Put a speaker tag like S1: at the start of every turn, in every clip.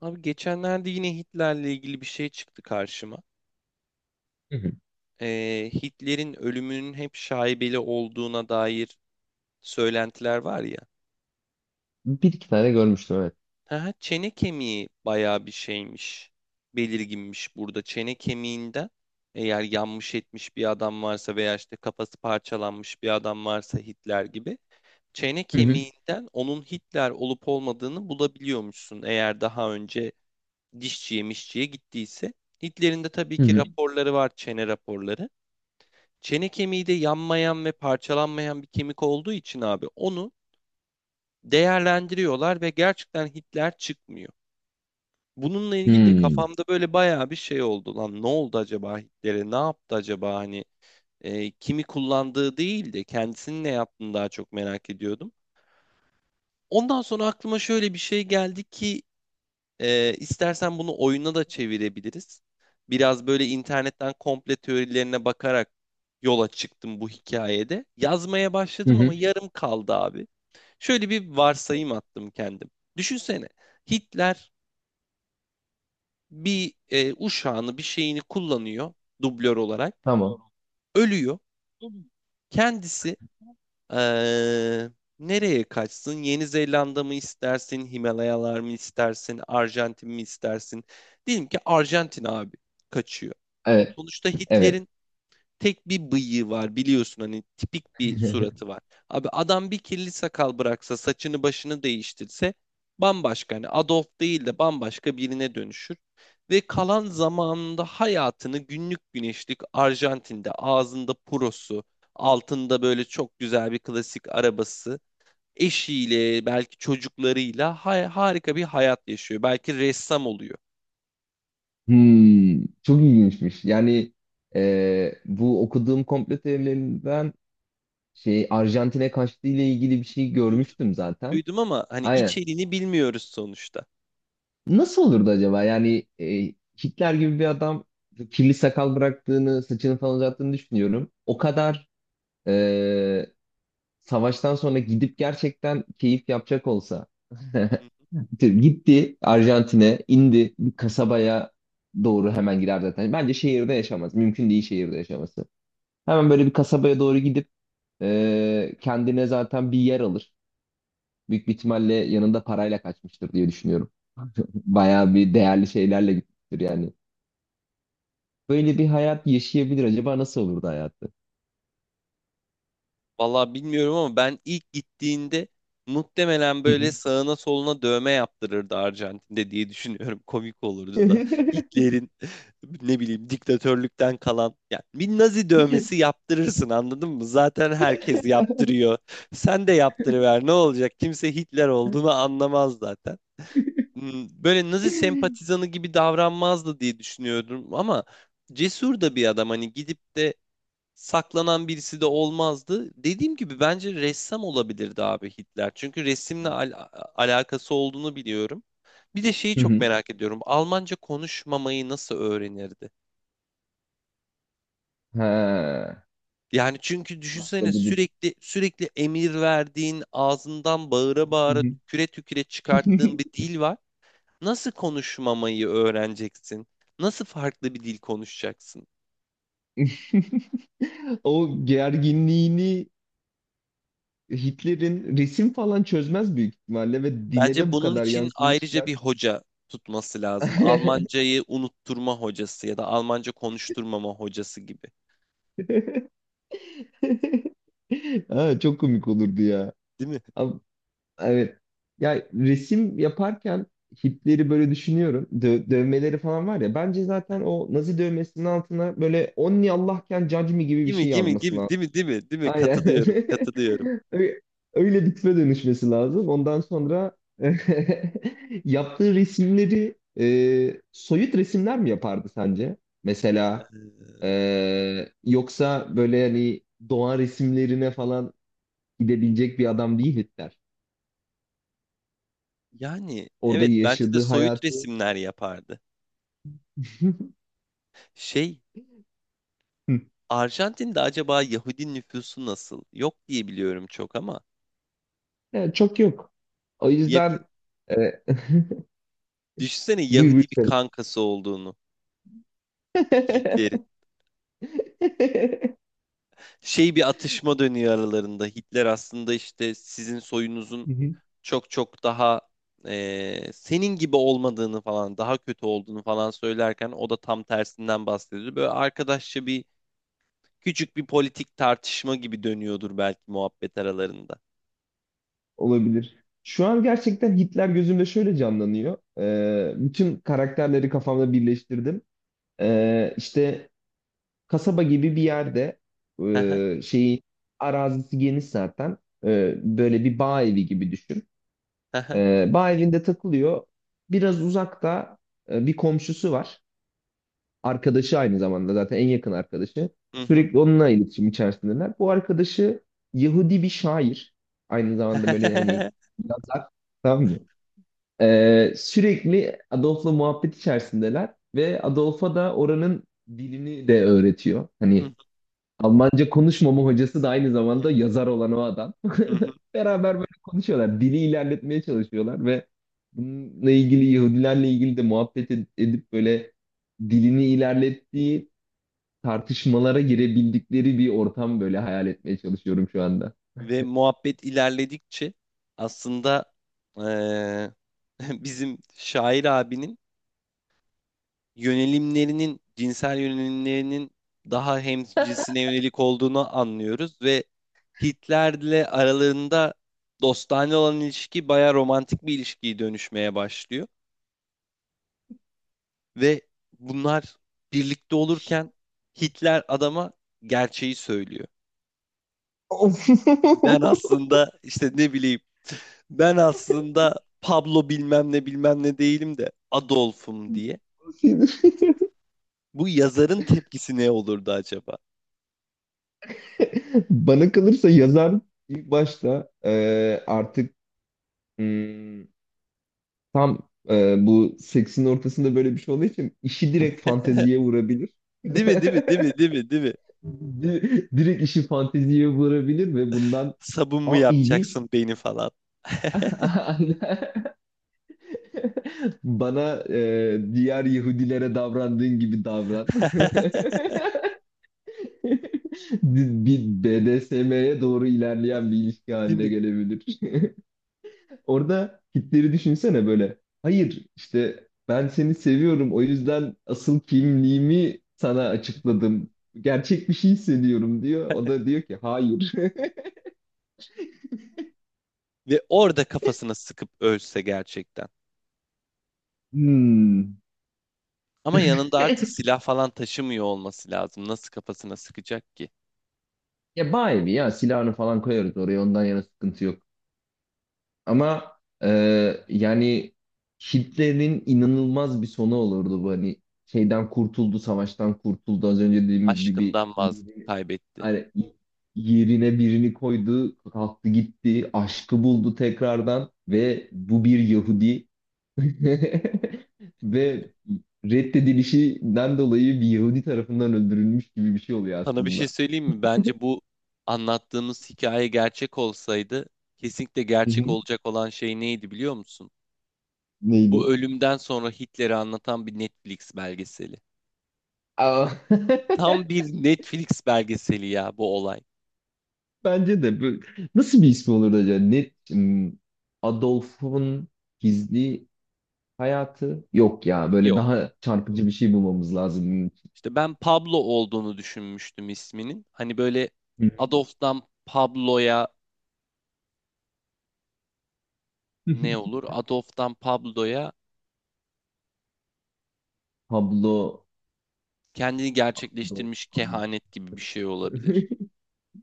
S1: Abi geçenlerde yine Hitler'le ilgili bir şey çıktı karşıma.
S2: Hı hı.
S1: Hitler'in ölümünün hep şaibeli olduğuna dair söylentiler var ya.
S2: Bir iki tane görmüştüm evet.
S1: Ha, çene kemiği bayağı bir şeymiş, belirginmiş burada. Çene kemiğinden eğer yanmış etmiş bir adam varsa veya işte kafası parçalanmış bir adam varsa Hitler gibi çene
S2: Hı hı.
S1: kemiğinden onun Hitler olup olmadığını bulabiliyormuşsun eğer daha önce dişçiye mişçiye gittiyse. Hitler'in de tabii
S2: Hı
S1: ki
S2: hı.
S1: raporları var, çene raporları. Çene kemiği de yanmayan ve parçalanmayan bir kemik olduğu için abi onu değerlendiriyorlar ve gerçekten Hitler çıkmıyor. Bununla ilgili de
S2: Hmm.
S1: kafamda böyle bayağı bir şey oldu. Lan ne oldu acaba Hitler'e? Ne yaptı acaba hani kimi kullandığı değil de kendisinin ne yaptığını daha çok merak ediyordum. Ondan sonra aklıma şöyle bir şey geldi ki istersen bunu oyuna da çevirebiliriz. Biraz böyle internetten komple teorilerine bakarak yola çıktım bu hikayede. Yazmaya
S2: Hı
S1: başladım
S2: hı.
S1: ama yarım kaldı abi. Şöyle bir varsayım attım kendim. Düşünsene, Hitler bir uşağını, bir şeyini kullanıyor dublör olarak.
S2: Tamam.
S1: Ölüyor. Kendisi eee, nereye kaçsın? Yeni Zelanda mı istersin? Himalayalar mı istersin? Arjantin mi istersin? Diyelim ki Arjantin abi, kaçıyor.
S2: Evet,
S1: Sonuçta
S2: evet.
S1: Hitler'in tek bir bıyığı var, biliyorsun hani tipik bir suratı var. Abi adam bir kirli sakal bıraksa, saçını başını değiştirse, bambaşka hani Adolf değil de bambaşka birine dönüşür. Ve kalan zamanında hayatını günlük güneşlik Arjantin'de, ağzında purosu, altında böyle çok güzel bir klasik arabası, eşiyle belki çocuklarıyla harika bir hayat yaşıyor. Belki ressam oluyor.
S2: Çok ilginçmiş. Yani bu okuduğum komplo teorilerinden Arjantin'e kaçtığı ile ilgili bir şey
S1: Duydum,
S2: görmüştüm zaten.
S1: duydum ama hani
S2: Aynen.
S1: içeriğini bilmiyoruz sonuçta.
S2: Nasıl olurdu acaba? Yani Hitler gibi bir adam kirli sakal bıraktığını, saçını falan uzattığını düşünüyorum. O kadar e, savaştan sonra gidip gerçekten keyif yapacak olsa.
S1: Hı.
S2: Gitti Arjantin'e, indi bir kasabaya doğru hemen girer zaten. Bence şehirde yaşamaz. Mümkün değil şehirde yaşaması. Hemen böyle bir kasabaya doğru gidip kendine zaten bir yer alır. Büyük bir ihtimalle yanında parayla kaçmıştır diye düşünüyorum. Bayağı bir değerli şeylerle gitmiştir yani. Böyle bir hayat yaşayabilir. Acaba nasıl olurdu hayatı?
S1: Vallahi bilmiyorum ama ben ilk gittiğinde muhtemelen
S2: Hı
S1: böyle
S2: hı.
S1: sağına soluna dövme yaptırırdı Arjantin'de diye düşünüyorum. Komik olurdu da Hitler'in ne bileyim, diktatörlükten kalan yani bir Nazi dövmesi yaptırırsın, anladın mı? Zaten herkes yaptırıyor. Sen de yaptırıver, ne olacak? Kimse Hitler olduğunu anlamaz zaten. Böyle Nazi sempatizanı gibi davranmazdı diye düşünüyordum ama cesur da bir adam, hani gidip de saklanan birisi de olmazdı. Dediğim gibi bence ressam olabilirdi abi Hitler. Çünkü resimle alakası olduğunu biliyorum. Bir de şeyi
S2: Hı
S1: çok
S2: hı.
S1: merak ediyorum. Almanca konuşmamayı nasıl öğrenirdi?
S2: Ha.
S1: Yani çünkü düşünsene,
S2: Başka bir-
S1: sürekli sürekli emir verdiğin, ağzından bağıra bağıra, tüküre tüküre çıkarttığın bir dil var. Nasıl konuşmamayı öğreneceksin? Nasıl farklı bir dil konuşacaksın?
S2: O gerginliğini Hitler'in resim falan çözmez büyük ihtimalle ve dile
S1: Bence
S2: de bu
S1: bunun
S2: kadar
S1: için ayrıca
S2: yansımışken.
S1: bir hoca tutması lazım. Almancayı unutturma hocası ya da Almanca konuşturmama hocası gibi.
S2: Ha, çok komik olurdu ya.
S1: Değil mi?
S2: Ama, evet. Ya resim yaparken Hitler'i böyle düşünüyorum. Dövmeleri falan var ya. Bence zaten o Nazi dövmesinin altına böyle Onni Allahken Judge Me gibi bir
S1: Değil mi?
S2: şey
S1: Değil mi? Değil
S2: yazması.
S1: mi? Değil mi? Değil mi? Değil mi?
S2: Aynen.
S1: Katılıyorum. Katılıyorum.
S2: Ö- Öyle bitme dönüşmesi lazım. Ondan sonra yaptığı resimleri soyut resimler mi yapardı sence? Mesela
S1: Ee,
S2: yoksa böyle hani doğa resimlerine falan gidebilecek bir adam değil Hitler.
S1: yani
S2: Orada
S1: evet, bence de
S2: yaşadığı
S1: soyut
S2: hayatı.
S1: resimler yapardı. Şey,
S2: Hı.
S1: Arjantin'de acaba Yahudi nüfusu nasıl? Yok diye biliyorum çok ama.
S2: Yani çok yok. O
S1: Ya,
S2: yüzden e,
S1: düşünsene
S2: buyur
S1: Yahudi bir
S2: buyur.
S1: kankası olduğunu.
S2: Söyle.
S1: Hitler'in. Şey, bir atışma dönüyor aralarında. Hitler aslında işte sizin soyunuzun çok çok daha senin gibi olmadığını falan, daha kötü olduğunu falan söylerken, o da tam tersinden bahsediyor. Böyle arkadaşça bir, küçük bir politik tartışma gibi dönüyordur belki muhabbet aralarında.
S2: Olabilir. Şu an gerçekten Hitler gözümde şöyle canlanıyor. Bütün karakterleri kafamda birleştirdim. İşte kasaba gibi bir yerde şeyi arazisi geniş zaten. Böyle bir bağ evi gibi düşün.
S1: Hı hı.
S2: Bağ evinde takılıyor. Biraz uzakta bir komşusu var. Arkadaşı aynı zamanda zaten en yakın arkadaşı.
S1: Hı hı.
S2: Sürekli onunla iletişim içerisindeler. Bu arkadaşı Yahudi bir şair. Aynı zamanda böyle hani yazar. Tamam mı? Sürekli Adolf'la muhabbet içerisindeler ve Adolf'a da oranın dilini de öğretiyor.
S1: Hı.
S2: Hani Almanca konuşmama hocası da aynı zamanda yazar olan o adam. Beraber böyle konuşuyorlar. Dili ilerletmeye çalışıyorlar ve bununla ilgili Yahudilerle ilgili de muhabbet edip böyle dilini ilerlettiği tartışmalara girebildikleri bir ortam böyle hayal etmeye çalışıyorum şu anda.
S1: Ve muhabbet ilerledikçe aslında eee, bizim şair abinin yönelimlerinin, cinsel yönelimlerinin daha hem cinsine yönelik olduğunu anlıyoruz ve Hitler'le aralarında dostane olan ilişki bayağı romantik bir ilişkiye dönüşmeye başlıyor. Ve bunlar birlikte olurken Hitler adama gerçeği söylüyor. Ben aslında işte ne bileyim, ben aslında Pablo bilmem ne bilmem ne değilim de Adolf'um diye. Bu yazarın tepkisi ne olurdu acaba?
S2: Bana kalırsa yazar ilk başta artık hmm, tam bu seksin ortasında böyle bir şey olduğu için işi direkt fanteziye vurabilir.
S1: Değil mi, değil mi, değil mi, değil mi, değil mi?
S2: Direkt işi fanteziye vurabilir ve bundan
S1: Sabun mu
S2: a ilginç.
S1: yapacaksın beni falan?
S2: Bana diğer Yahudilere davrandığın gibi davran. Bir BDSM'ye doğru ilerleyen bir ilişki
S1: Değil
S2: haline
S1: mi?
S2: gelebilir. Orada Hitler'i düşünsene böyle. Hayır, işte ben seni seviyorum, o yüzden asıl kimliğimi sana açıkladım. Gerçek bir şey hissediyorum diyor. O da diyor ki hayır.
S1: Ve orada kafasına sıkıp ölse gerçekten.
S2: Hmm.
S1: Ama yanında artık silah falan taşımıyor olması lazım. Nasıl kafasına sıkacak ki?
S2: Ya bayi mi ya, silahını falan koyarız oraya, ondan yana sıkıntı yok. Ama e, yani Hitler'in inanılmaz bir sonu olurdu bu, hani şeyden kurtuldu, savaştan
S1: Hı
S2: kurtuldu. Az
S1: hı.
S2: önce dediğimiz gibi
S1: Aşkından vaz
S2: yerine,
S1: kaybetti.
S2: hani yerine birini koydu, kalktı gitti, aşkı buldu tekrardan ve bu bir Yahudi ve reddedilişinden dolayı bir Yahudi tarafından öldürülmüş gibi bir şey oluyor
S1: Sana bir
S2: aslında.
S1: şey söyleyeyim mi? Bence bu anlattığımız hikaye gerçek olsaydı, kesinlikle
S2: Hı
S1: gerçek
S2: hı.
S1: olacak olan şey neydi, biliyor musun? Bu
S2: Neydi?
S1: ölümden sonra Hitler'i anlatan bir Netflix belgeseli.
S2: Aa.
S1: Tam bir Netflix belgeseli ya bu olay.
S2: Bence de. Nasıl bir ismi olurdu acaba? Adolf'un gizli hayatı? Yok ya. Böyle
S1: Yok.
S2: daha çarpıcı bir şey bulmamız lazım bunun
S1: İşte ben Pablo olduğunu düşünmüştüm isminin. Hani böyle
S2: için.
S1: Adolf'dan Pablo'ya ne olur? Adolf'dan Pablo'ya,
S2: Pablo
S1: kendini
S2: Adolf.
S1: gerçekleştirmiş
S2: Pablo.
S1: kehanet gibi bir şey olabilir.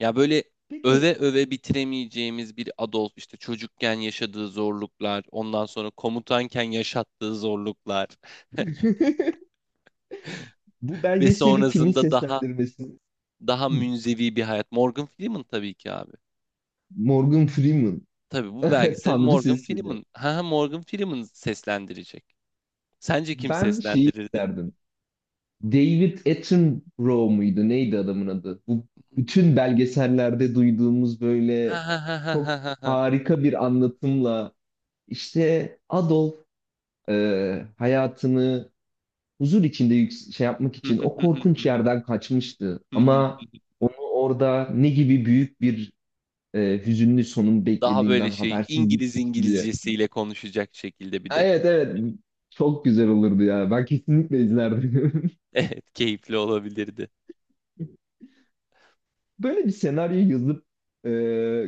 S1: Ya böyle
S2: Peki,
S1: öve öve bitiremeyeceğimiz bir Adolf, işte çocukken yaşadığı zorluklar, ondan sonra komutanken yaşattığı zorluklar
S2: bu
S1: ve
S2: belgeseli kimin
S1: sonrasında daha,
S2: seslendirmesi?
S1: daha
S2: Hı,
S1: münzevi bir hayat. Morgan Freeman tabii ki abi.
S2: Morgan Freeman.
S1: Tabii bu belgeseli
S2: Tanrı
S1: Morgan
S2: sesiyle.
S1: Freeman, ha ha, Morgan Freeman seslendirecek. Sence kim
S2: Ben şeyi
S1: seslendirirdi?
S2: isterdim. David Attenborough muydu? Neydi adamın adı? Bu bütün belgesellerde duyduğumuz
S1: Ha
S2: böyle
S1: ha ha ha ha
S2: çok
S1: ha. Ha.
S2: harika bir anlatımla işte Adolf hayatını huzur içinde şey yapmak
S1: Hı
S2: için
S1: hı
S2: o
S1: hı hı hı
S2: korkunç
S1: hı
S2: yerden kaçmıştı.
S1: hı hı.
S2: Ama onu orada ne gibi büyük bir hüzünlü sonun
S1: Daha böyle
S2: beklediğinden
S1: şey,
S2: habersiz
S1: İngiliz
S2: gitmişti diye.
S1: İngilizcesiyle konuşacak şekilde bir de.
S2: Evet evet, çok güzel olurdu ya. Ben kesinlikle izlerdim.
S1: Evet, keyifli olabilirdi.
S2: Böyle bir senaryo yazıp e,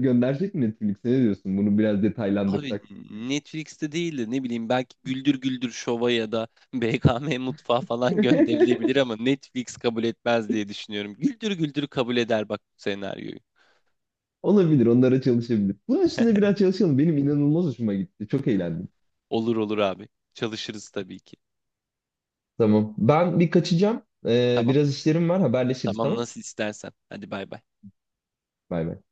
S2: göndersek mi Netflix'e, ne diyorsun? Bunu biraz
S1: Abi,
S2: detaylandırsak.
S1: Netflix'te değil de ne bileyim, belki Güldür Güldür Şov'a ya da BKM Mutfağı falan gönderilebilir ama Netflix kabul etmez diye düşünüyorum. Güldür Güldür kabul eder bak bu senaryoyu.
S2: Olabilir, onlara çalışabilir. Bunun üstüne biraz çalışalım. Benim inanılmaz hoşuma gitti. Çok eğlendim.
S1: Olur olur abi. Çalışırız tabii ki.
S2: Tamam. Ben bir kaçacağım.
S1: Tamam.
S2: Biraz işlerim var. Haberleşiriz
S1: Tamam,
S2: tamam.
S1: nasıl istersen. Hadi bay bay.
S2: Bay bay.